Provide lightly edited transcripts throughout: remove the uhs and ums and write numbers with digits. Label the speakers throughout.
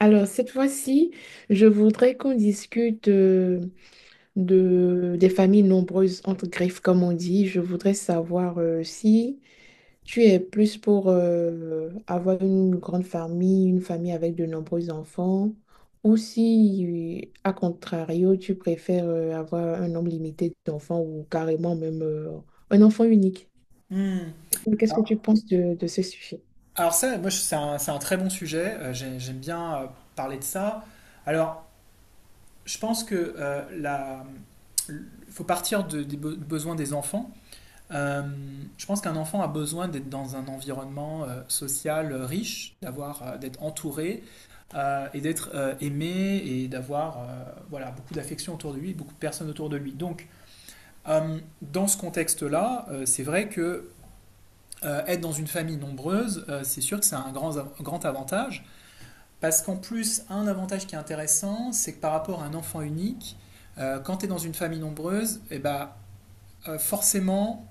Speaker 1: Alors, cette fois-ci, je voudrais qu'on discute de, des familles nombreuses, entre griffes, comme on dit. Je voudrais savoir si tu es plus pour avoir une grande famille, une famille avec de nombreux enfants, ou si, à contrario, tu préfères avoir un nombre limité d'enfants ou carrément même un enfant unique.
Speaker 2: Hmm.
Speaker 1: Qu'est-ce que tu
Speaker 2: Alors,
Speaker 1: penses de ce sujet?
Speaker 2: alors ça, moi, je- c'est un très bon sujet. J'aime bien parler de ça. Alors, je pense que l- faut partir des besoins des enfants. Euh, je pense qu'un enfant a besoin d'être dans un environnement social riche, d'être entouré et d'être aimé et d'avoir beaucoup d'affection autour de lui, beaucoup de personnes autour de lui. Donc, dans ce contexte-là, c'est vrai que être dans une famille nombreuse, c'est sûr que c'est un grand avantage, parce qu'en plus, un avantage qui est intéressant, c'est que par rapport à un enfant unique, quand tu es dans une famille nombreuse, eh ben, forcément,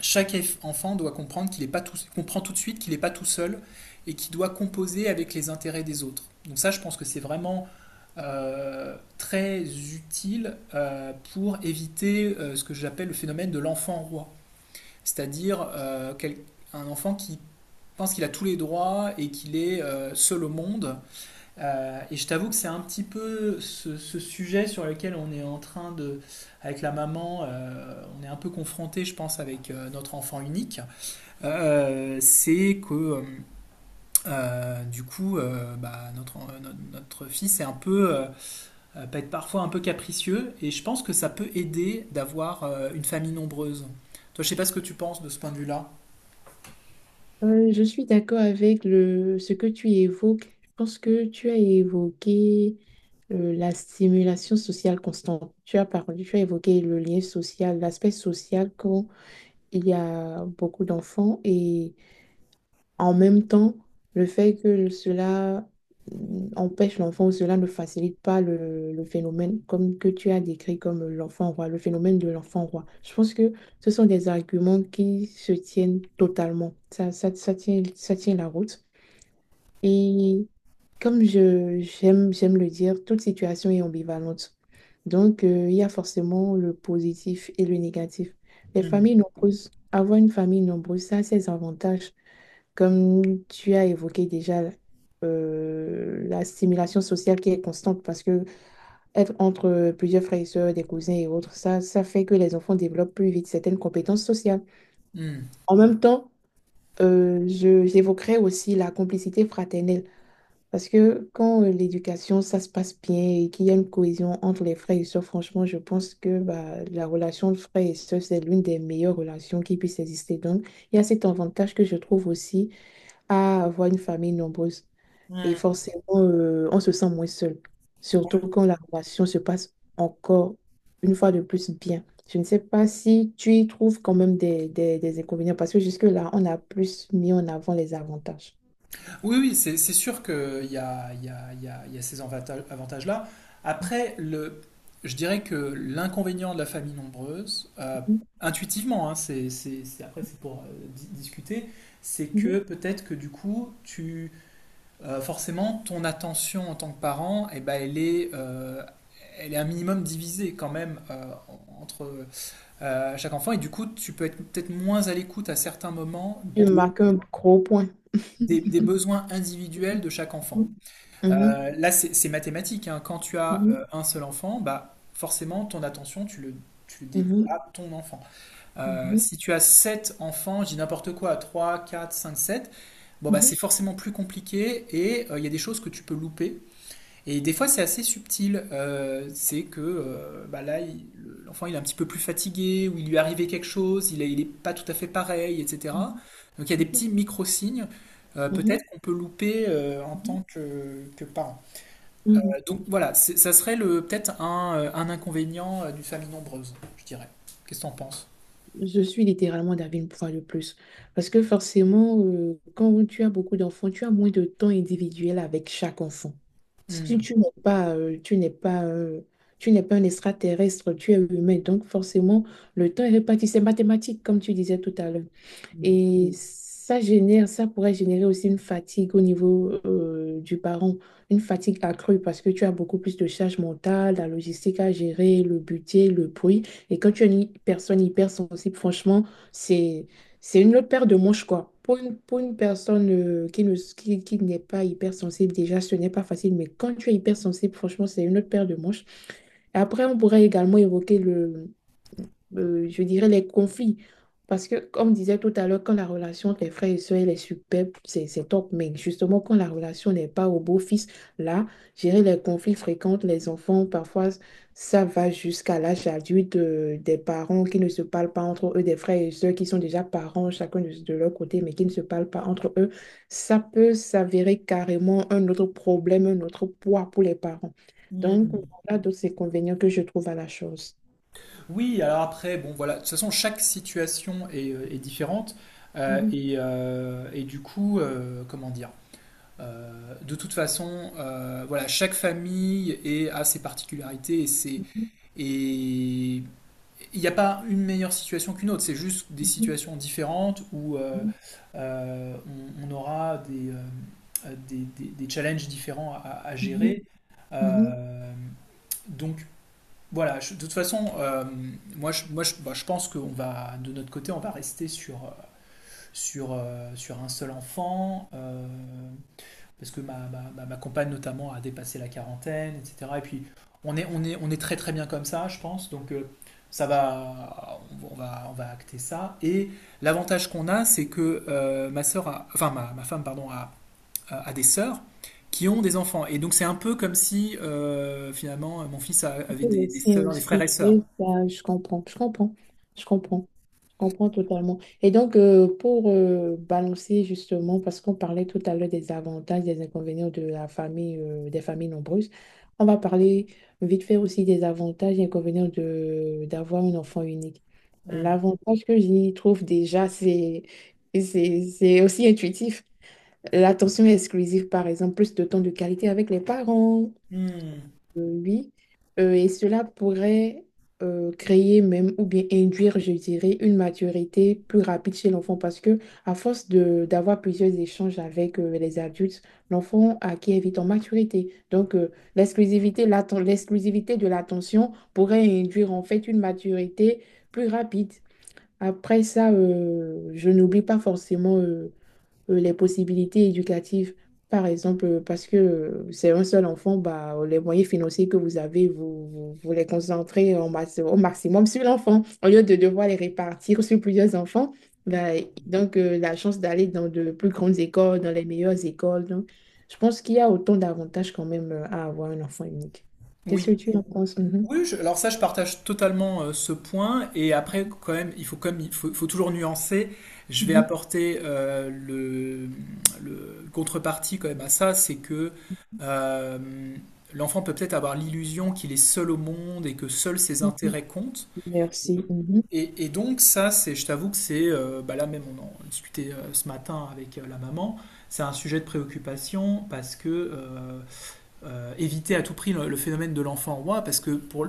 Speaker 2: chaque enfant doit comprendre qu'il est pas tout, comprend tout de suite qu'il n'est pas tout seul et qu'il doit composer avec les intérêts des autres. Donc ça, je pense que c'est vraiment très utile pour éviter ce que j'appelle le phénomène de l'enfant roi, c'est-à-dire un enfant qui je pense qu'il a tous les droits et qu'il est seul au monde. Et je t'avoue que c'est un petit peu ce sujet sur lequel on est en train de, avec la maman, on est un peu confronté, je pense, avec notre enfant unique. C'est que du coup, bah, notre, notre, notre, fils est un peu, peut être parfois un peu capricieux. Et je pense que ça peut aider d'avoir une famille nombreuse. Toi, je sais pas ce que tu penses de ce point de vue-là.
Speaker 1: Je suis d'accord avec le, ce que tu évoques. Je pense que tu as évoqué la stimulation sociale constante. Tu as parlé, tu as évoqué le lien social, l'aspect social quand il y a beaucoup d'enfants et en même temps, le fait que cela empêche l'enfant, ou cela ne facilite pas le, le phénomène comme que tu as décrit comme l'enfant roi, le phénomène de l'enfant roi. Je pense que ce sont des arguments qui se tiennent totalement. Ça, ça tient la route. Et comme je, j'aime, j'aime le dire, toute situation est ambivalente. Donc, il y a forcément le positif et le négatif. Les
Speaker 2: Mmh.
Speaker 1: familles nombreuses, avoir une famille nombreuse, ça a ses avantages. Comme tu as évoqué déjà la stimulation sociale qui est constante parce que être entre plusieurs frères et sœurs, des cousins et autres, ça fait que les enfants développent plus vite certaines compétences sociales.
Speaker 2: Mmh.
Speaker 1: En même temps, je, j'évoquerai aussi la complicité fraternelle parce que quand l'éducation, ça se passe bien et qu'il y a une cohésion entre les frères et sœurs, franchement, je pense que bah, la relation de frères et sœurs, c'est l'une des meilleures relations qui puisse exister. Donc, il y a cet avantage que je trouve aussi à avoir une famille nombreuse. Et
Speaker 2: Mmh.
Speaker 1: forcément, on se sent moins seul. Surtout quand la relation se passe encore une fois de plus bien. Je ne sais pas si tu y trouves quand même des inconvénients parce que jusque-là, on a plus mis en avant les avantages.
Speaker 2: Oui, oui, c'est sûr qu'il y a, il y a- il y a- il y a ces avantages-là. Après, le, je dirais que l'inconvénient de la famille nombreuse,
Speaker 1: Mhm,
Speaker 2: intuitivement, hein, après c'est pour discuter, c'est
Speaker 1: mhm.
Speaker 2: que peut-être que du coup, forcément, ton attention en tant que parent, eh ben, elle est un minimum divisée quand même entre chaque enfant, et du coup, tu peux être peut-être moins à l'écoute à certains moments
Speaker 1: Tu
Speaker 2: des
Speaker 1: marques un gros point.
Speaker 2: des besoins individuels de chaque enfant.
Speaker 1: Mhm, mhm,
Speaker 2: Là, c'est mathématique, hein. Quand tu as un seul enfant, bah, forcément, ton attention, tu le dédies
Speaker 1: mhm,
Speaker 2: à ton enfant.
Speaker 1: mhm,
Speaker 2: Si tu as sept enfants, je dis n'importe quoi, 3, 4, 5, 7, bon, bah,
Speaker 1: mhm,
Speaker 2: c'est forcément plus compliqué et il y a des choses que tu peux louper. Et des fois, c'est assez subtil. C'est que bah, là, l'enfant, il est un petit peu plus fatigué ou il lui est arrivé quelque chose, il n'est est pas tout à fait pareil, etc.
Speaker 1: mhm,
Speaker 2: Donc, il y a des petits micro-signes, peut-être
Speaker 1: mhm,
Speaker 2: qu'on peut louper en
Speaker 1: mhm,
Speaker 2: tant que parent.
Speaker 1: mhm, mhm. Mhm.
Speaker 2: Donc voilà, ça serait le peut-être un inconvénient d'une famille nombreuse, je dirais. Qu'est-ce que t'en penses?
Speaker 1: Je suis littéralement d'avis une fois de plus. Parce que forcément, quand tu as beaucoup d'enfants, tu as moins de temps individuel avec chaque enfant. Si tu,
Speaker 2: Hmm.
Speaker 1: tu n'es pas, tu n'es pas, tu n'es pas un extraterrestre, tu es humain. Donc forcément, le temps est réparti. C'est mathématique, comme tu disais tout à l'heure. Et ça génère, ça pourrait générer aussi une fatigue au niveau du parent, une fatigue accrue parce que tu as beaucoup plus de charge mentale, la logistique à gérer, le budget, le bruit. Et quand tu es une personne hypersensible, franchement, c'est, c'est une autre paire de manches, quoi. Pour une personne qui ne, qui n'est pas hypersensible, déjà, ce n'est pas facile. Mais quand tu es hypersensible, franchement, c'est une autre paire de manches. Et après, on pourrait également évoquer je dirais, les conflits. Parce que, comme disait tout à l'heure, quand la relation entre les frères et sœurs elle est superbe, c'est top. Mais justement, quand la relation n'est pas au beau-fils, là, gérer les conflits fréquents, entre les enfants, parfois, ça va jusqu'à l'âge adulte, des parents qui ne se parlent pas entre eux, des frères et sœurs qui sont déjà parents, chacun de leur côté, mais qui ne se parlent pas entre eux. Ça peut s'avérer carrément un autre problème, un autre poids pour les parents. Donc,
Speaker 2: Hmm.
Speaker 1: voilà d'autres inconvénients que je trouve à la chose.
Speaker 2: Oui, alors après, bon voilà, de toute façon, chaque situation est, est différente. Et et du coup, comment dire? De toute façon, voilà, chaque famille est, a ses particularités et il n'y a pas une meilleure situation qu'une autre, c'est juste des
Speaker 1: Mhm.
Speaker 2: situations différentes où
Speaker 1: Mhm,
Speaker 2: euh, on aura des, des challenges différents à
Speaker 1: mhm,
Speaker 2: gérer.
Speaker 1: mhm.
Speaker 2: Euh, donc voilà, de toute façon, moi, je pense qu'on va, de notre côté, on va rester sur, sur un seul enfant. Parce que ma compagne notamment a dépassé la quarantaine, etc. Et puis on est très très bien comme ça, je pense. Donc ça va, on va acter ça. Et l'avantage qu'on a, c'est que ma, ma femme, pardon, a, a des sœurs qui ont des enfants. Et donc c'est un peu comme si finalement mon fils avait
Speaker 1: Oui,
Speaker 2: des
Speaker 1: c'est
Speaker 2: sœurs, des frères
Speaker 1: aussi,
Speaker 2: et sœurs.
Speaker 1: c'est ça, je comprends, je comprends, je comprends, je comprends totalement. Et donc, pour balancer justement, parce qu'on parlait tout à l'heure des avantages, des inconvénients de la famille, des familles nombreuses, on va parler vite fait aussi des avantages et inconvénients de d'avoir un enfant unique.
Speaker 2: Hmm.
Speaker 1: L'avantage que j'y trouve déjà, c'est aussi intuitif. L'attention exclusive, par exemple, plus de temps de qualité avec les parents.
Speaker 2: Hmm.
Speaker 1: Oui, et cela pourrait créer même ou bien induire, je dirais, une maturité plus rapide chez l'enfant parce que à force de d'avoir plusieurs échanges avec les adultes, l'enfant acquiert vite en maturité. Donc l'exclusivité, l'exclusivité de l'attention pourrait induire en fait une maturité plus rapide. Après ça, je n'oublie pas forcément les possibilités éducatives. Par exemple, parce que c'est un seul enfant, bah, les moyens financiers que vous avez, vous, vous, vous les concentrez en au maximum sur l'enfant, au lieu de devoir les répartir sur plusieurs enfants. Bah, donc, la chance d'aller dans de plus grandes écoles, dans les meilleures écoles. Donc, je pense qu'il y a autant d'avantages quand même à avoir un enfant unique. Qu'est-ce que
Speaker 2: Oui.
Speaker 1: tu en penses? Mhm.
Speaker 2: Oui, alors ça, je partage totalement ce point. Et après, quand même, il faut toujours nuancer. Je vais
Speaker 1: Mhm.
Speaker 2: apporter le contrepartie quand même à ça, c'est que euh, l'enfant peut peut-être avoir l'illusion qu'il est seul au monde et que seuls ses
Speaker 1: Mhm.
Speaker 2: intérêts comptent.
Speaker 1: Merci. Mhm.
Speaker 2: Et donc ça, c'est, je t'avoue que c'est, bah là même, on en discutait ce matin avec la maman. C'est un sujet de préoccupation parce que éviter à tout prix le phénomène de l'enfant roi, parce que pour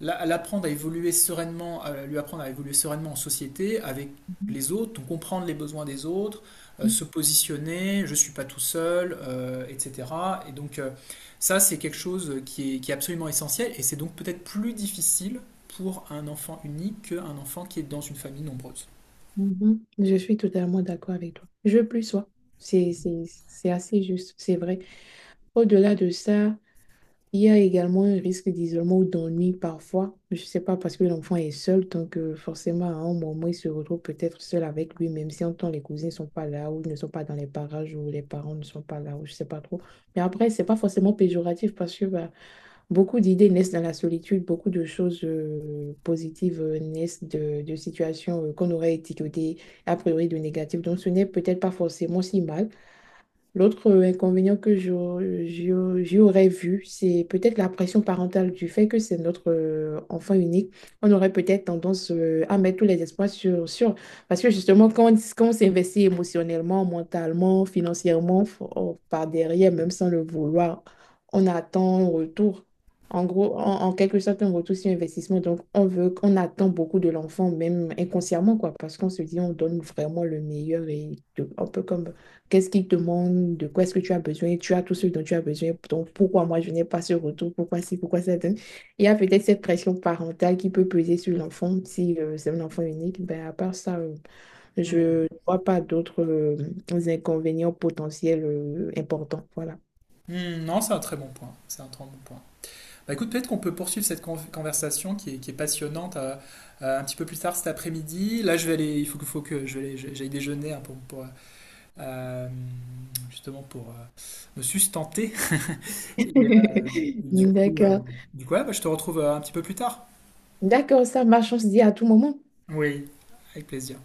Speaker 2: l'apprendre à évoluer sereinement, à lui apprendre à évoluer sereinement en société avec les autres, donc comprendre les besoins des autres,
Speaker 1: Mhm.
Speaker 2: se positionner, je ne suis pas tout seul, etc. Et donc ça, c'est quelque chose qui est absolument essentiel et c'est donc peut-être plus difficile pour un enfant unique qu'un enfant qui est dans une famille nombreuse.
Speaker 1: Mhm. Je suis totalement d'accord avec toi. Je plus sois. C'est assez juste, c'est vrai. Au-delà de ça, il y a également un risque d'isolement ou d'ennui parfois. Je ne sais pas, parce que l'enfant est seul, donc forcément, à un moment, il se retrouve peut-être seul avec lui, même si en temps les cousins ne sont pas là, ou ils ne sont pas dans les parages, ou les parents ne sont pas là, ou je ne sais pas trop. Mais après, ce n'est pas forcément péjoratif, parce que bah, beaucoup d'idées naissent dans la solitude, beaucoup de choses positives naissent de situations qu'on aurait étiquetées a priori de négatives. Donc ce n'est peut-être pas forcément si mal. L'autre inconvénient que je j'y aurais vu, c'est peut-être la pression parentale du fait que c'est notre enfant unique. On aurait peut-être tendance à mettre tous les espoirs sur, sur. Parce que justement, quand on, quand on s'investit émotionnellement, mentalement, financièrement, par derrière, même sans le vouloir, on attend un retour. En gros, en, en quelque sorte, un retour sur investissement. Donc, on veut, on attend beaucoup de l'enfant, même inconsciemment, quoi, parce qu'on se dit, on donne vraiment le meilleur et un peu comme qu'est-ce qu'il demande? De quoi est-ce que tu as besoin? Tu as tout ce dont tu as besoin. Donc, pourquoi moi, je n'ai pas ce retour? Pourquoi si? Pourquoi ça donne? Il y a peut-être cette pression parentale qui peut peser sur l'enfant. Si c'est un enfant unique, ben, à part ça, je
Speaker 2: Mm.
Speaker 1: ne vois pas d'autres inconvénients potentiels importants. Voilà.
Speaker 2: Hmm, non, c'est un très bon point. C'est un très bon point. Bah écoute, peut-être qu'on peut poursuivre cette conversation qui est passionnante un petit peu plus tard cet après-midi. Là, il faut que j'aille déjeuner hein, pour, euh, justement pour me sustenter. Et, euh, et du coup, euh,
Speaker 1: D'accord.
Speaker 2: ouais, bah, je te retrouve un petit peu plus tard.
Speaker 1: D'accord, ça marche. On se dit à tout moment.
Speaker 2: Oui, avec plaisir.